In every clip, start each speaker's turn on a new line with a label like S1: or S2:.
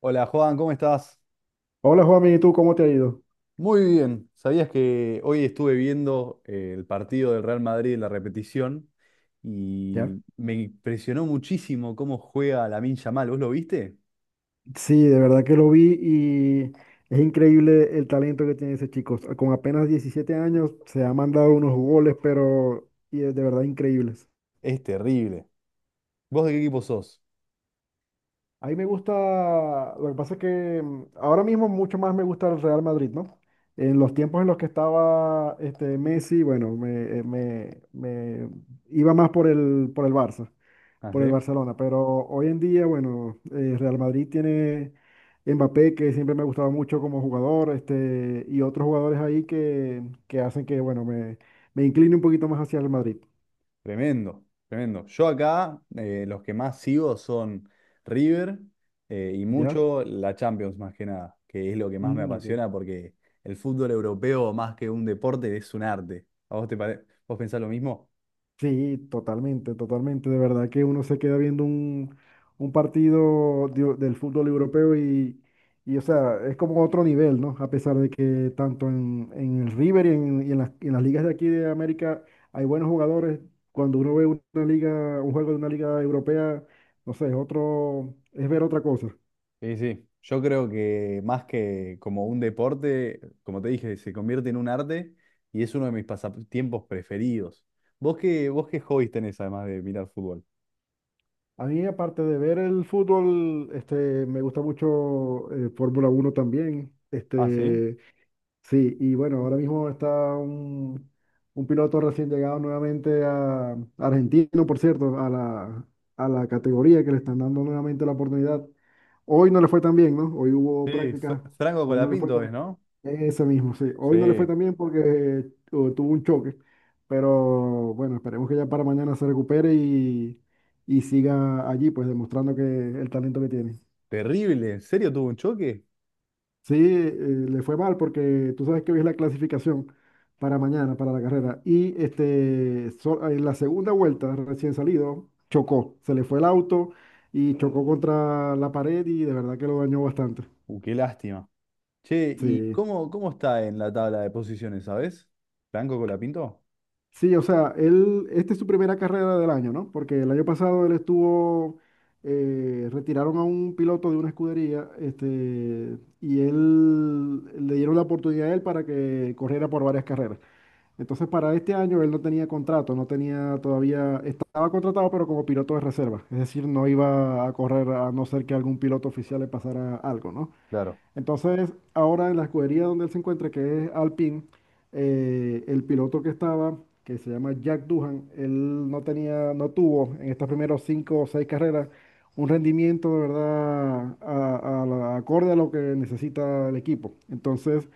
S1: Hola Juan, ¿cómo estás?
S2: Hola Juan, ¿y tú cómo te ha ido?
S1: Muy bien. ¿Sabías que hoy estuve viendo el partido del Real Madrid en la repetición
S2: ¿Ya?
S1: y me impresionó muchísimo cómo juega Lamine Yamal? ¿Vos lo viste?
S2: Sí, de verdad que lo vi y es increíble el talento que tiene ese chico. Con apenas 17 años se ha mandado unos goles, pero y de verdad increíbles.
S1: Es terrible. ¿Vos de qué equipo sos?
S2: A mí me gusta, lo que pasa es que ahora mismo mucho más me gusta el Real Madrid, ¿no? En los tiempos en los que estaba Messi, bueno, me iba más por el Barça,
S1: Ah,
S2: por el
S1: sí.
S2: Barcelona, pero hoy en día, bueno, Real Madrid tiene Mbappé, que siempre me ha gustado mucho como jugador, y otros jugadores ahí que hacen que, bueno, me incline un poquito más hacia el Madrid.
S1: Tremendo, tremendo. Yo acá los que más sigo son River y
S2: ¿Ya?
S1: mucho la Champions más que nada, que es lo que más me
S2: Mm, ok.
S1: apasiona porque el fútbol europeo más que un deporte es un arte. ¿A vos vos pensás lo mismo?
S2: Sí, totalmente, totalmente. De verdad que uno se queda viendo un partido del fútbol europeo y, o sea, es como otro nivel, ¿no? A pesar de que tanto en el River y en las ligas de aquí de América hay buenos jugadores. Cuando uno ve una liga, un juego de una liga europea, no sé, es otro, es ver otra cosa.
S1: Sí, sí. Yo creo que más que como un deporte, como te dije, se convierte en un arte y es uno de mis pasatiempos preferidos. ¿Vos qué hobbies tenés además de mirar fútbol?
S2: A mí, aparte de ver el fútbol, me gusta mucho Fórmula 1 también.
S1: Ah, sí.
S2: Sí, y bueno, ahora mismo está un, un piloto recién llegado nuevamente a argentino, por cierto, a la categoría que le están dando nuevamente la oportunidad. Hoy no le fue tan bien, ¿no? Hoy hubo
S1: Sí,
S2: práctica.
S1: Franco
S2: Hoy no le fue
S1: Colapinto es,
S2: tan
S1: ¿no?
S2: Ese mismo, sí. Hoy no le fue
S1: Sí.
S2: tan bien porque tuvo un choque, pero bueno, esperemos que ya para mañana se recupere y siga allí, pues demostrando que el talento que tiene.
S1: Terrible. ¿En serio tuvo un choque?
S2: Sí, le fue mal porque tú sabes que hoy es la clasificación para mañana, para la carrera. Y en la segunda vuelta, recién salido, chocó. Se le fue el auto y chocó contra la pared y de verdad que lo dañó bastante.
S1: Qué lástima. Che, ¿y
S2: Sí,
S1: cómo está en la tabla de posiciones, sabés? ¿Franco Colapinto?
S2: sí, o sea, él, esta es su primera carrera del año, ¿no? Porque el año pasado él estuvo, retiraron a un piloto de una escudería, y él, le dieron la oportunidad a él para que corriera por varias carreras. Entonces, para este año él no tenía contrato, no tenía todavía, estaba contratado, pero como piloto de reserva. Es decir, no iba a correr a no ser que algún piloto oficial le pasara algo, ¿no?
S1: Claro.
S2: Entonces, ahora en la escudería donde él se encuentra, que es Alpine, el piloto que estaba, que se llama Jack Duhan, él no tenía, no tuvo en estas primeras cinco o seis carreras un rendimiento de verdad acorde a lo que necesita el equipo. Entonces,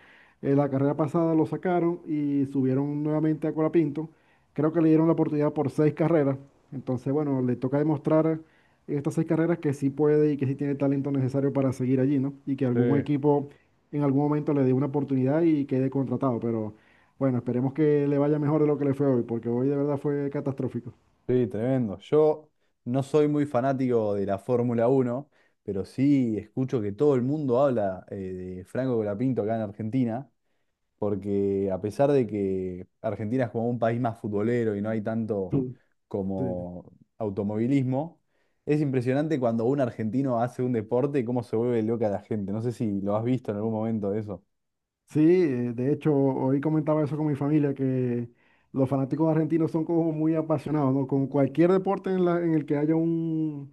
S2: la carrera pasada lo sacaron y subieron nuevamente a Colapinto. Creo que le dieron la oportunidad por seis carreras. Entonces, bueno, le toca demostrar estas seis carreras que sí puede y que sí tiene el talento necesario para seguir allí, ¿no? Y que
S1: Sí.
S2: algún equipo en algún momento le dé una oportunidad y quede contratado. Pero bueno, esperemos que le vaya mejor de lo que le fue hoy, porque hoy de verdad fue catastrófico.
S1: Sí, tremendo. Yo no soy muy fanático de la Fórmula Uno, pero sí escucho que todo el mundo habla de Franco Colapinto acá en Argentina, porque a pesar de que Argentina es como un país más futbolero y no hay tanto
S2: Sí. Sí.
S1: como automovilismo, es impresionante cuando un argentino hace un deporte cómo se vuelve loca la gente. No sé si lo has visto en algún momento de eso.
S2: Sí, de hecho, hoy comentaba eso con mi familia, que los fanáticos argentinos son como muy apasionados, ¿no? Con cualquier deporte en el que haya un,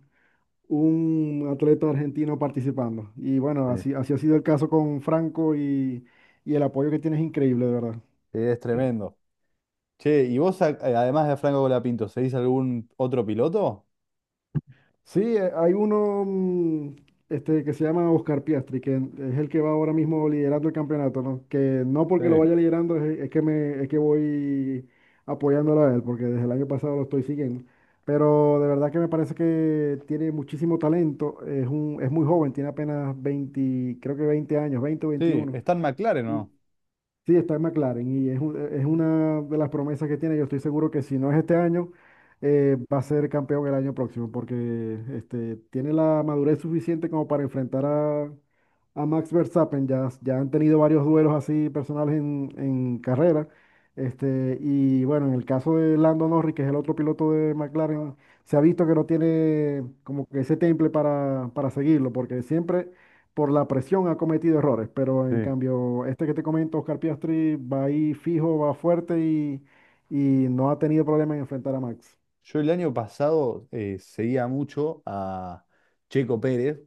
S2: un atleta argentino participando. Y bueno,
S1: Sí.
S2: así, así ha sido el caso con Franco y el apoyo que tiene es increíble, de verdad.
S1: Es tremendo. Che, ¿y vos además de Franco Colapinto, seguís algún otro piloto?
S2: Sí, hay uno que se llama Oscar Piastri, que es el que va ahora mismo liderando el campeonato, ¿no? Que no porque lo vaya
S1: Sí.
S2: liderando es que voy apoyándolo a él, porque desde el año pasado lo estoy siguiendo. Pero de verdad que me parece que tiene muchísimo talento, es muy joven, tiene apenas 20, creo que 20 años, 20 o
S1: Sí,
S2: veintiuno,
S1: está en McLaren,
S2: y
S1: ¿no?
S2: sí, está en McLaren y es una de las promesas que tiene. Yo estoy seguro que si no es este año, va a ser campeón el año próximo porque tiene la madurez suficiente como para enfrentar a Max Verstappen. Ya, ya han tenido varios duelos así personales en carrera. Y bueno, en el caso de Lando Norris, que es el otro piloto de McLaren, se ha visto que no tiene como que ese temple para seguirlo porque siempre por la presión ha cometido errores, pero en
S1: Sí.
S2: cambio, este que te comento, Oscar Piastri, va ahí fijo, va fuerte y no ha tenido problema en enfrentar a Max.
S1: Yo el año pasado seguía mucho a Checo Pérez,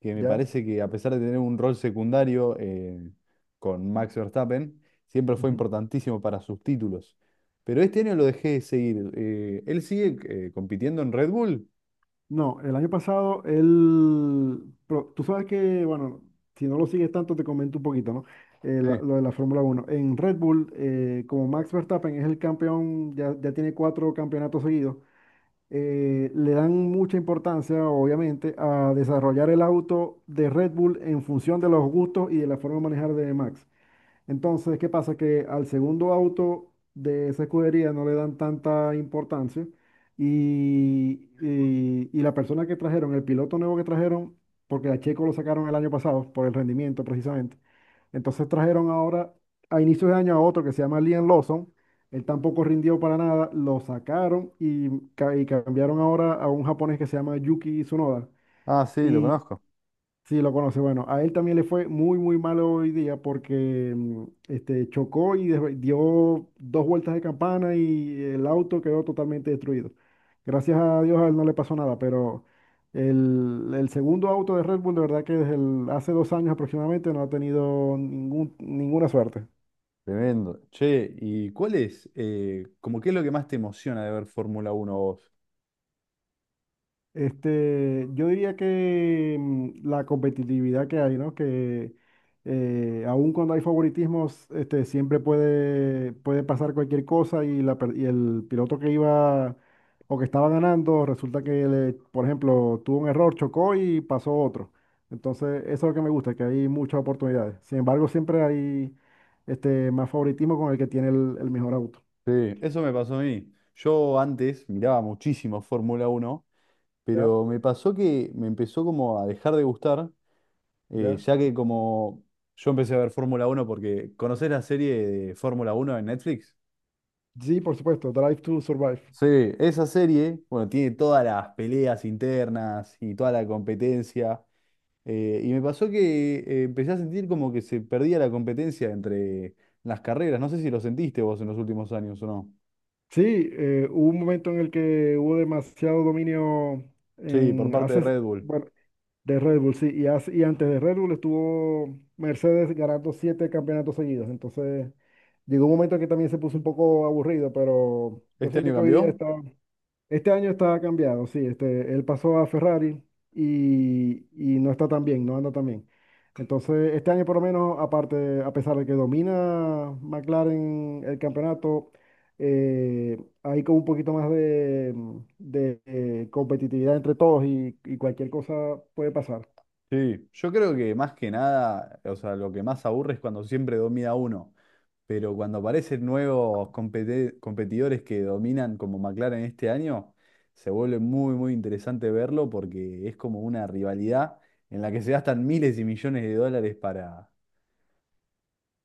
S1: que me
S2: ¿Ya?
S1: parece que a pesar de tener un rol secundario con Max Verstappen, siempre fue
S2: Ujú.
S1: importantísimo para sus títulos. Pero este año lo dejé de seguir. ¿Él sigue compitiendo en Red Bull?
S2: No, el año pasado él, pero tú sabes que, bueno, si no lo sigues tanto te comento un poquito, ¿no?
S1: Sí.
S2: Lo de la Fórmula 1 en Red Bull, como Max Verstappen es el campeón, ya, ya tiene cuatro campeonatos seguidos, le dan mucha importancia, obviamente, a desarrollar el auto de Red Bull en función de los gustos y de la forma de manejar de Max. Entonces, ¿qué pasa? Que al segundo auto de esa escudería no le dan tanta importancia y la persona que trajeron, el piloto nuevo que trajeron, porque a Checo lo sacaron el año pasado por el rendimiento precisamente, entonces trajeron ahora a inicios de año a otro que se llama Liam Lawson, él tampoco rindió para nada, lo sacaron y cambiaron ahora a un japonés que se llama Yuki Tsunoda.
S1: Ah, sí, lo conozco.
S2: Sí, lo conoce. Bueno, a él también le fue muy, muy malo hoy día porque chocó y dio dos vueltas de campana y el auto quedó totalmente destruido. Gracias a Dios a él no le pasó nada, pero el segundo auto de Red Bull, de verdad que hace 2 años aproximadamente no ha tenido ningún, ninguna suerte.
S1: Tremendo. Che, ¿y cuál es, como qué es lo que más te emociona de ver Fórmula Uno, vos?
S2: Yo diría que la competitividad que hay, ¿no? Que aun cuando hay favoritismos, siempre puede pasar cualquier cosa y el piloto que iba o que estaba ganando, resulta que, por ejemplo, tuvo un error, chocó y pasó otro. Entonces, eso es lo que me gusta, que hay muchas oportunidades. Sin embargo, siempre hay más favoritismo con el que tiene el mejor auto.
S1: Sí, eso me pasó a mí. Yo antes miraba muchísimo Fórmula Uno,
S2: Ya,
S1: pero me pasó que me empezó como a dejar de gustar,
S2: ya.
S1: ya que como yo empecé a ver Fórmula Uno porque ¿conocés la serie de Fórmula Uno en Netflix?
S2: Sí, por supuesto, Drive to Survive.
S1: Sí, esa serie, bueno, tiene todas las peleas internas y toda la competencia. Y me pasó que empecé a sentir como que se perdía la competencia entre las carreras. No sé si lo sentiste vos en los últimos años o no.
S2: Sí, hubo un momento en el que hubo demasiado dominio
S1: Sí, por
S2: en
S1: parte de
S2: hace,
S1: Red Bull.
S2: bueno, de Red Bull, sí, y antes de Red Bull estuvo Mercedes ganando siete campeonatos seguidos. Entonces, llegó un momento que también se puso un poco aburrido, pero yo
S1: ¿Este
S2: siento
S1: año
S2: que hoy día
S1: cambió?
S2: está. Este año está cambiado, sí. Él pasó a Ferrari y no está tan bien, no anda tan bien. Entonces, este año por lo menos, aparte, a pesar de que domina McLaren el campeonato, eh, hay como un poquito más de competitividad entre todos y cualquier cosa puede pasar.
S1: Sí, yo creo que más que nada, o sea, lo que más aburre es cuando siempre domina uno, pero cuando aparecen nuevos competidores que dominan como McLaren este año, se vuelve muy, muy interesante verlo porque es como una rivalidad en la que se gastan miles y millones de dólares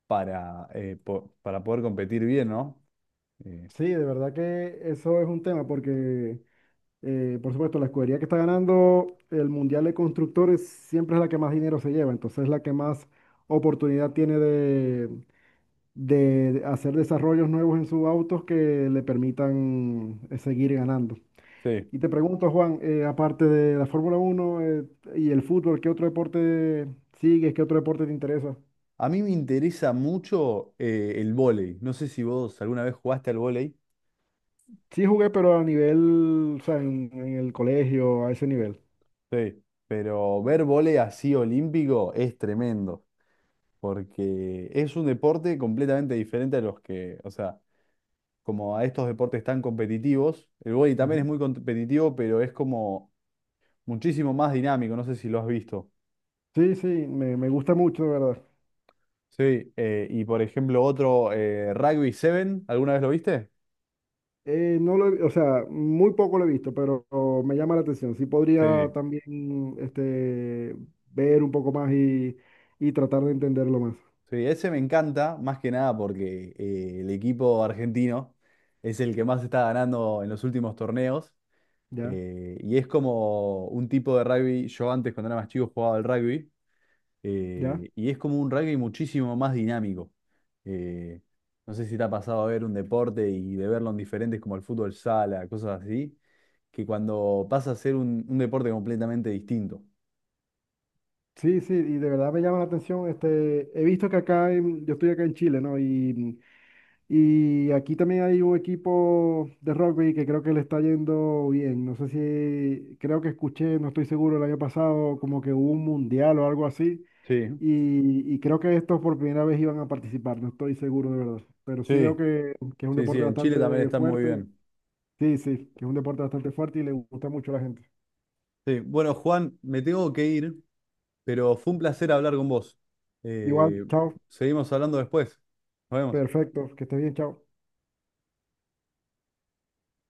S1: para, para poder competir bien, ¿no? Eh,
S2: Sí, de verdad que eso es un tema porque por supuesto, la escudería que está ganando el Mundial de Constructores siempre es la que más dinero se lleva, entonces es la que más oportunidad tiene de hacer desarrollos nuevos en sus autos que le permitan seguir ganando.
S1: sí.
S2: Y te pregunto, Juan, aparte de la Fórmula 1 y el fútbol, ¿qué otro deporte sigues? ¿Qué otro deporte te interesa?
S1: A mí me interesa mucho el vóley. No sé si vos alguna vez jugaste al vóley.
S2: Sí jugué, pero a nivel, o sea, en el colegio, a ese nivel.
S1: Sí, pero ver vóley así olímpico es tremendo, porque es un deporte completamente diferente a los que, o sea, como a estos deportes tan competitivos, el vóley también es
S2: Ujú.
S1: muy competitivo, pero es como muchísimo más dinámico, no sé si lo has visto.
S2: Sí, sí, me gusta mucho, de verdad.
S1: Sí, y por ejemplo otro, Rugby 7, ¿alguna vez lo viste?
S2: No lo he- o sea, muy poco lo he visto, pero me llama la atención. Sí podría
S1: Sí.
S2: también ver un poco más y tratar de entenderlo más.
S1: Sí, ese me encanta, más que nada porque el equipo argentino es el que más está ganando en los últimos torneos.
S2: ¿Ya?
S1: Y es como un tipo de rugby, yo antes cuando era más chico jugaba al rugby,
S2: ¿Ya?
S1: y es como un rugby muchísimo más dinámico. Eh, no sé si te ha pasado a ver un deporte y de verlo en diferentes como el fútbol sala, cosas así, que cuando pasa a ser un deporte completamente distinto.
S2: Sí, sí, y de verdad me llama la atención. He visto que acá, yo estoy acá en Chile, ¿no? Y aquí también hay un equipo de rugby que creo que le está yendo bien. No sé si, creo que escuché, no estoy seguro, el año pasado como que hubo un mundial o algo así.
S1: Sí,
S2: Y creo que estos por primera vez iban a participar, no estoy seguro de verdad. Pero sí veo
S1: sí,
S2: que es un
S1: sí, sí,
S2: deporte
S1: en Chile también
S2: bastante
S1: están muy
S2: fuerte.
S1: bien.
S2: Sí, sí, que es un deporte bastante fuerte y le gusta mucho a la gente.
S1: Sí, bueno, Juan, me tengo que ir, pero fue un placer hablar con vos.
S2: Igual,
S1: Eh,
S2: chao.
S1: seguimos hablando después. Nos vemos.
S2: Perfecto, que estés bien, chao.